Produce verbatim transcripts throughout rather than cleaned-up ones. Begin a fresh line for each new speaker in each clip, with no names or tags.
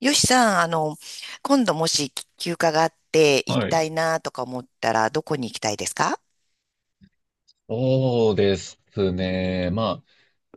よしさん、あの、今度もし休暇があって行き
は
た
い。
いなとか思ったら、どこに行きたいですか？
そうですね。まあ、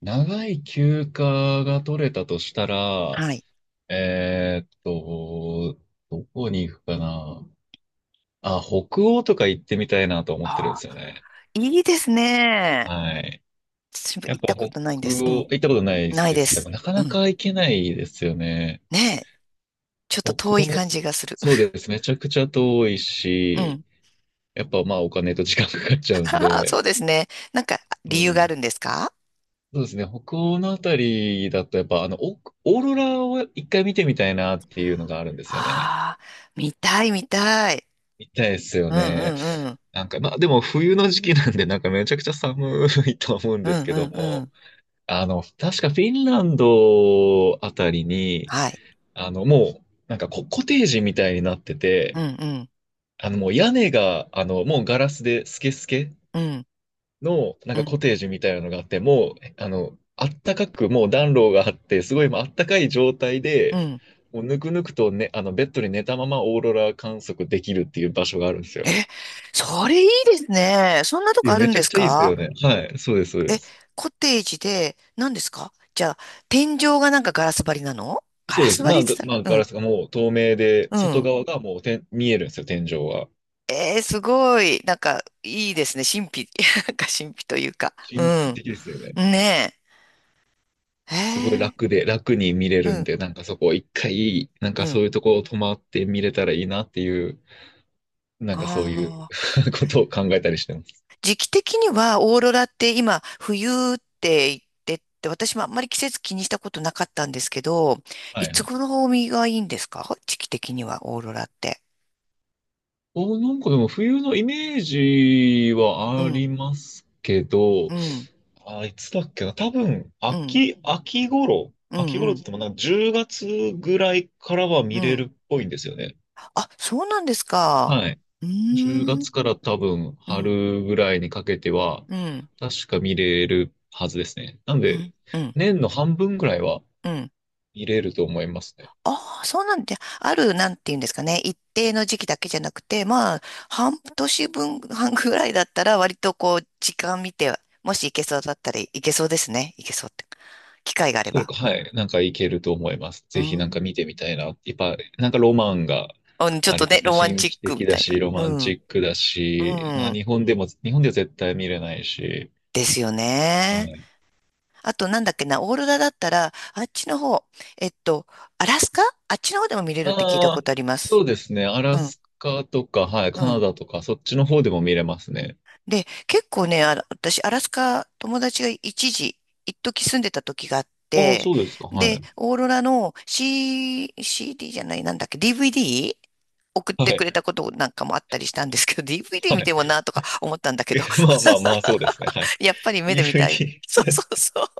長い休暇が取れたとしたら、
はい。
えーっと、どこに行くかな。あ、北欧とか行ってみたいなと思
あ
ってるんで
あ、
すよね。
いいですね。
はい。
私も
やっ
行っ
ぱ
た
北
ことないんです。う
欧、
ん。
行ったことない
ない
で
で
すか？
す。
なか
う
な
ん。
か行けないですよね。
ねえ。ちょっ
北
と遠い
欧、
感じがする。
そうですね。めちゃくちゃ遠い
う
し、
ん。
やっぱまあお金と時間かかっちゃうん
そ
で、
うですね。なんか、
そ
理
うな
由が
ん
あ
で
るんで
す。
すか？
そうですね。北欧のあたりだと、やっぱ、あの、オオーロラを一回見てみたいなっていうのがあるんですよね。
ああー、見たい見たい。
見たいですよ
うんう
ね。
んうん。
なんか、まあ、でも冬の時期なんで、なんかめちゃくちゃ寒いと思うん
う
です
ん
け
う
ど
んう
も、
ん。
あの、確かフィンランドあたりに、
はい。
あの、もう、なんかコ、コテージみたいになって
う
て、
んうん
あの、もう屋根が、あの、もうガラスでスケスケ
うん
の、なん
う
かコ
ん
テージみたいなのがあって、もう、あの、あったかく、もう暖炉があって、すごいもうあったかい状態
う
で、
ん。
もうぬくぬくとね、あの、ベッドに寝たままオーロラ観測できるっていう場所があるんですよ。
え、それいいですね。そんなと
い
こ
や、
ある
め
ん
ちゃ
で
く
す
ちゃいいです
か？
よね。はい、そうです、そうで
え、
す。
コテージで、何ですか？じゃあ、天井がなんかガラス張りなの？ガ
そう
ラ
で
ス
す。
張
ま
りっ
あ、
て
が
言っ
まあ、
た
ガ
ら、
ラスがもう透明で、
うん、
外
うん。
側がもうてん見えるんですよ、天井は。
えー、すごい。なんか、いいですね。神秘、なんか神秘というか。う
神秘
ん。
的ですよね。
ねえ。へ
すごい
え、
楽で、楽に見れ
う
るん
ん、
で、なんかそこ一回、なんか
う
そ
ん。
ういうとこ泊まって見れたらいいなっていう、なんかそういう
ああ。
ことを考えたりしてます。
時期的には、オーロラって今、冬って言ってって、私もあんまり季節気にしたことなかったんですけど、
は
い
い
つ
はい。
頃がいいんですか？時期的には、オーロラって。
お、なんかでも冬のイメージ
う
はあ
ん、
りますけ
う
ど、
ん、
あ、いつだっけな。多分、
うん、
秋、秋頃、
う
秋
ん、う
頃って言
ん。
ってもなんかじゅうがつぐらいからは
う
見れ
ん、
るっぽいんですよね。
あ、そうなんですか。
はい。
うー
10
ん、
月から多分
うん、
春ぐらいにかけては、
うん、
確か見れるはずですね。なん
う
で、
ん、うん、
年の半分ぐらいは
うん。
見れると思いますね。
ああ、そうなんで、ある、なんていうんですかね。一定の時期だけじゃなくて、まあ、半年分、半ぐらいだったら、割とこう、時間見て、もし行けそうだったら行けそうですね。行けそうって。機会があれ
それ
ば。
か、はい。なんかいけると思います。
う
ぜひなんか
ん。
見てみたいな。やっぱ、なんかロマンが
うん、ちょっ
あ
と
りま
ね、
すね。
ロマン
神
チッ
秘
クみ
的
た
だ
い
し、
な。
ロ
う
マンチ
ん、
ックだし、
う
な
ん。
日本でも、日本では絶対見れないし。
ですよ
は
ね。
い。
あと、なんだっけな、オーロラだったら、あっちの方、えっと、アラスカ、あっちの方でも見れるって聞いた
あ
こ
あ、
とありま
そ
す。
うですね。アラ
うん、
スカとか、はい。
う
カナ
ん。
ダとか、そっちの方でも見れますね。
で、結構ね、あら、私、アラスカ、友達が一時、一時住んでた時があっ
ああ、
て、
そうですか。は
で、
い。
オーロラの C、シーディー じゃない、なんだっけ、ディーブイディー? 送っ
は
てく
い。
れたことなんかもあったりしたんですけど、ディーブイディー 見
は
て
い。
もな とか思ったんだけ
え
ど、
まあまあまあ、そうですね。はい。
やっぱり 目で見たい。そう
ディーブイディー。
そうそう。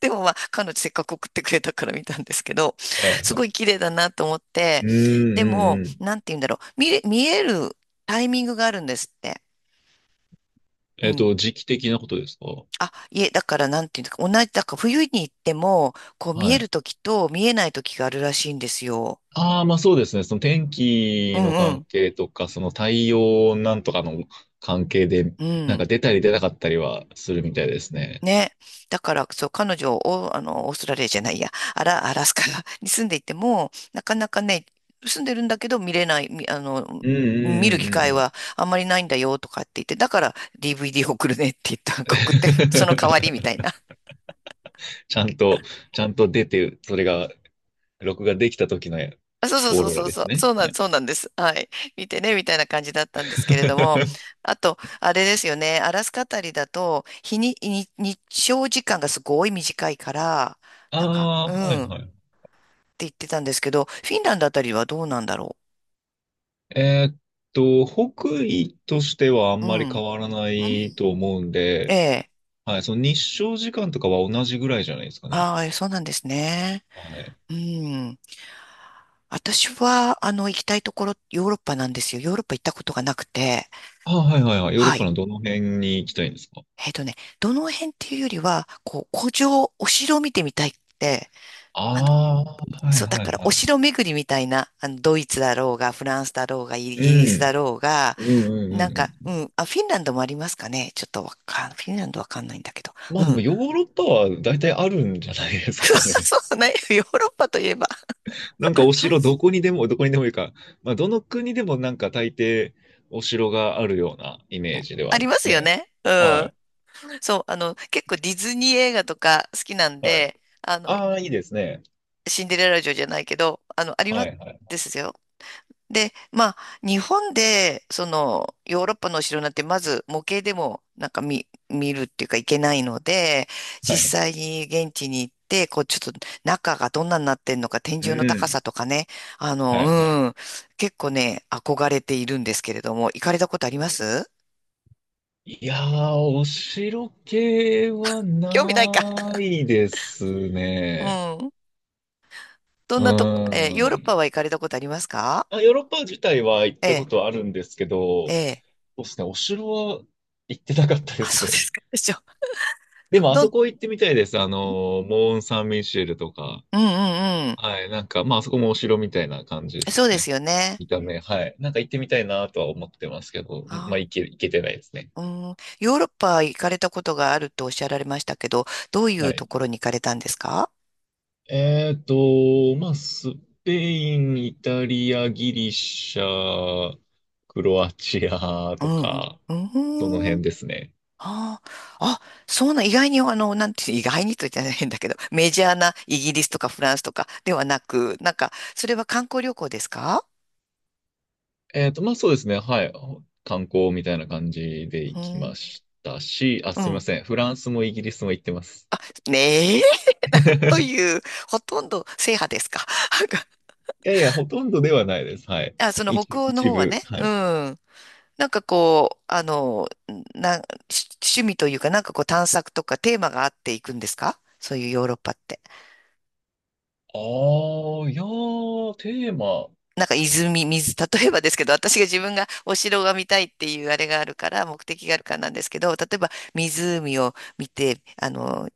でもまあ、彼女せっかく送ってくれたから見たんですけど、
はいは
すご
い。
い綺麗だなと思って、
うん
で
う
も、
んうん。
なんて言うんだろう、見れ、見えるタイミングがあるんですって。う
えっ
ん。
と、時期的なことですか？
あ、いえ、だからなんていうんですか、同じ、だから冬に行っても、こう見
は
える
い。
時と見えない時があるらしいんですよ。
ああ、まあそうですね。その天
う
気の
んう
関
ん。
係とか、その太陽なんとかの関係で、
う
なんか
ん。
出たり出なかったりはするみたいですね。
ね。だから、そう、彼女を、あの、オーストラリアじゃないや、アラ、アラスカ に住んでいても、なかなかね、住んでるんだけど見れない、みあの、
うんう
見
ん
る
う
機
んうんう
会
ん。
はあんまりないんだよとかって言って、だから ディーブイディー 送るねって言った、送って、その代わりみたいな。
ちゃんと、ちゃんと出て、それが、録画できた時の
あそうそう
オー
そう
ロラ
そう
で
そ
す
う、
ね。
そうな
は
ん、
い。
そうなんです。はい。見てね、みたいな感じだったんですけれども。あと、あれですよね、アラスカあたりだと、日に、に日照時間がすごい短いから、
あ
なんか、
あ、
う
はい
ん。
はい。
言ってたんですけど、フィンランドあたりはどうなんだろ
えーっと、北緯としてはあ
う。
ん
う
ま
ん。
り
う
変
ん、
わらないと思うん
え
で、
え。
はい、その日照時間とかは同じぐらいじゃないですかね。
ああ、そうなんですね。
はい。
うん。私は、あの、行きたいところ、ヨーロッパなんですよ。ヨーロッパ行ったことがなくて。
あ、はいはいはい。ヨーロッ
は
パ
い。
のどの辺に行きたいんですか？
えっとね、どの辺っていうよりは、こう、古城、お城を見てみたいって、あの、
ああ、はい
そう、だ
はい
から、
は
お
い。
城巡りみたいな、あの、ドイツだろうが、フランスだろうが、イ
う
ギリスだ
ん。
ろうが、
うんう
なん
んうん
か、
う
うん、あ、フィンランドもありますかね。ちょっとわかん、フィンランドわかんないんだけど。
ん。ま
う
あでも
ん。
ヨーロッパは大体あるんじゃないで す
そう
かね。
そうね。ヨーロッパといえば、
なんかお城どこにでも、どこにでもいいか。まあどの国でもなんか大抵お城があるようなイメージでは
あ
あり
り
ま
ます
す
よ
ね。
ね。う
は
ん。
い。
そう、あの、結構ディズニー映画とか好きなん
はい。
で、あの、
ああ、いいですね。
シンデレラ城じゃないけど、あの、ありま
は
す
いはい。
ですよ。で、まあ、日本で、その、ヨーロッパのお城なんて、まず模型でも、なんか見、見るっていうかいけないので、
はい。
実際に現地に行って、こう、ちょっと中がどんなになってんのか、天
う
井の高
ん。
さとかね、あ
はいはい。
の、うん、結構ね、憧れているんですけれども、行かれたことあります？
いやー、お城系は
興味ないか。
ないです
う
ね。
ん。ど
う
ん
ー
なとこ、えーヨーロッパ
ん。
は行かれたことありますか？
あ、ヨーロッパ自体は行っ
え
たこ
え、
とはあるんですけど、
え
そ
え。
うですね、お城は行ってなかったで
あ、
す
そうで
ね。
すか。でしょ。
で
ど、
も、あ
どん、
そ
ん、
こ行ってみたいです。あの、モーン・サン・ミシェルとか。
うんうんう
はい、なんか、まあ、あそこもお城みたいな感じで
ん。
す
そう
よ
です
ね。
よね。
見た目、はい。なんか行ってみたいなとは思ってますけど、まあ、
あ、
行け、行けてないですね。
うん。ヨーロッパ行かれたことがあるとおっしゃられましたけど、どうい
は
うと
い。
ころに行かれたんですか？
えっと、まあ、スペイン、イタリア、ギリシャ、クロアチア
う
と
ん
か、
う
その
ん。うん。
辺ですね。
ああ、あ、そうな、意外に、あの、なんて、意外にと言ったら変だけど、メジャーなイギリスとかフランスとかではなく、なんか、それは観光旅行ですか？
えっと、まあそうですね。はい。観光みたいな感じで
う
行きま
ん。
したし、あ、
う
すみま
ん。
せん。フランスもイギリスも行ってます。
ねえ、なんと いう、ほとんど制覇ですか。
いやいや、ほとんどではないです。はい。
あ、その
一、
北欧の
一
方は
部。
ね、
は
う
い。
ん。なんかこう、あの、な、し趣味というか、なんかこう探索とかテーマがあっていくんですか？そういうヨーロッパって。
ああ、いやー、テーマ。
なんか泉、水、例えばですけど、私が自分がお城が見たいっていうあれがあるから、目的があるからなんですけど、例えば湖を見て、あの、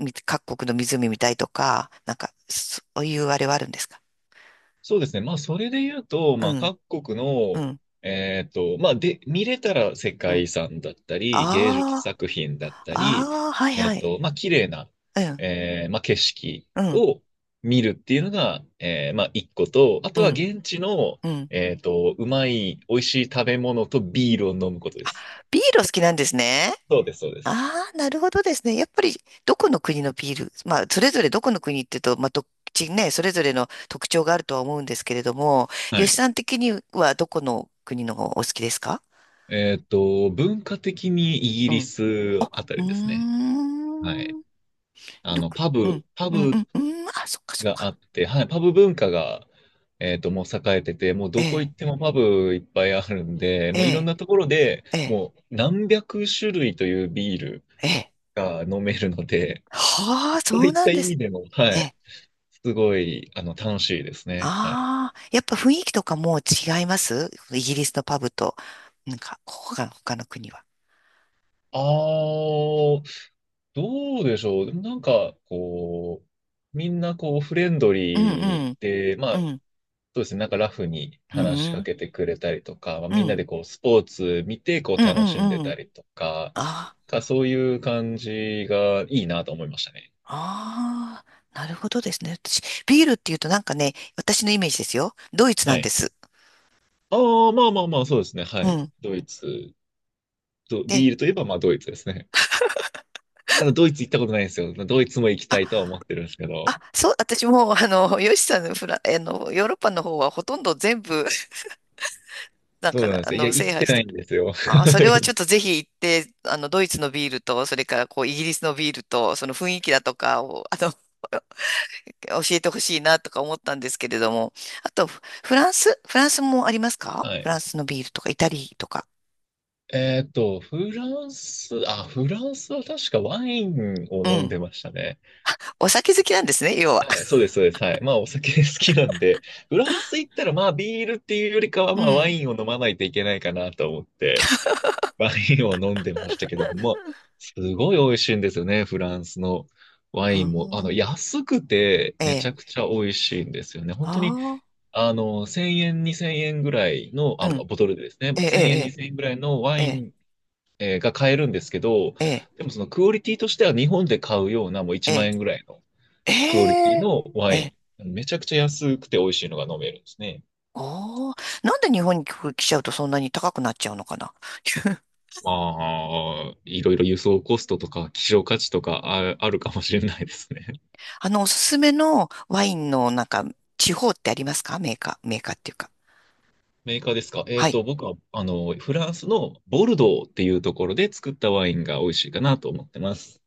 み各国の湖見たいとか、なんか、そういうあれはあるんですか？
そうですね。まあ、それで言うと、
う
まあ、
ん、
各国
う
の、
ん、
えっと、まあ、で、見れたら世
う
界
ん。
遺産だったり、芸術
あ
作品だ
あ、
ったり、
ああ、はい
え
は
っ
い。
と、まあ、綺麗な、
うん、
えーまあ、景色
うん、
を見るっていうのが、えーまあ、一個と、あ
う
とは
ん、
現地の、
うん。
えっと、うまい、美味しい食べ物とビールを飲むことです。
ビールお好きなんですね。
そうです、そうです。
ああ、なるほどですね。やっぱり、どこの国のビール、まあ、それぞれどこの国っていうと、まあ、どっちね、それぞれの特徴があるとは思うんですけれども、
は
吉
い。
さん的にはどこの国のお好きですか？
えっと、文化的にイギ
う
リ
ん。
スあ
あ、
た
うー
りですね。はい。
ん。
あ
ど
の、
こ、
パ
う
ブ、
ん、
パ
うん、う
ブ
ん、うん。あ、そっかそっ
があ
か。
って、はい、パブ文化が、えっと、もう栄えてて、もう
え
どこ行
え、
ってもパブいっぱいあるんで、
え
もういろん
え、
なところで
ええ、
もう何百種類というビール
ええ。
が飲めるので、
はあ、そ
そうい
う
っ
な
た
んで
意
す。
味でも、は
え
い、
え、
すごい、あの、楽しいですね。はい。
ああ、やっぱ雰囲気とかもう違います？イギリスのパブと、なんか、ここが他の国は。
あー、どうでしょう。でもなんか、こう、みんなこう、フレンド
うんう
リー
ん、
で、ま
う
あ、
ん、
そうですね。なんかラフに
う
話しか
ん、
けてくれたりとか、まあ、
うん、う
みんな
ん、
でこうスポーツ見てこ
うん。
う楽しんで
う
た
ん、
りとか、
あ
かそういう感じがいいなと思いましたね。
あ、ああ、なるほどですね。私、ビールっていうとなんかね、私のイメージですよ。ドイツな
は
んで
い。
す。
ああ、まあまあまあ、そうですね。は
う
い。
ん。
ドイツ、ド
で、
ビールといえばまあドイツですね。ただドイツ行ったことないんですよ。ドイツも行き
あ、
たいとは思ってるんですけ
あ、
ど。
そう、私も、あの、ヨシさんのフラ、あの、ヨーロッパの方はほとんど全部、なん
そ
か、
うなんで
あ
すよ。いや、
の、
行
制
って
覇し
な
て、
いんですよ。
あー、それはちょ っとぜひ行って、あの、ドイツのビールと、それからこう、イギリスのビールと、その雰囲気だとかを、あの、教えてほしいなとか思ったんですけれども。あと、フフランス、フランスもありますか？
はい。
フランスのビールとか、イタリーとか。
えっと、フランス、あ、フランスは確かワインを
う
飲ん
ん。
でましたね。
お酒好きなんですね、要は。
はい、そうです、そうです。はい。まあ、お酒 好きなんで、フランス行ったら、まあ、ビールっていうよりかは、
う
まあ、ワ
ん。
インを飲まないといけないかなと思って、ワインを飲んでましたけど、まあ、すごい美味しいんですよね、フランスのワ
う
インも。あの、
ん。
安くて、
え
めち
え。
ゃくちゃ美味しいんですよね。本当に、
あ
あの、せんえん、にせんえんぐらいの、
あ。
あ、
う
ボ
ん。
トルでですね、
ええ、
せんえん、
え
にせんえんぐらいのワ
え、え
イ
え、
ン、えーが買えるんですけど、
ええ、
でもそのクオリティとしては日本で買うようなもう
え
いちまん
え。
円ぐらいの
え
クオリティ
え。
のワ
え
イ
え。
ン。めちゃくちゃ安くて美味しいのが飲めるんですね。
おお、なんで日本に来ちゃうとそんなに高くなっちゃうのかな。
まあ、いろいろ輸送コストとか希少価値とかあ、あるかもしれないですね。
あの、おすすめのワインのなんか、地方ってありますか？メーカー、メーカーっていうか。
メーカーですか？え
は
っ
い。
と、僕は、あの、フランスのボルドーっていうところで作ったワインが美味しいかなと思ってます。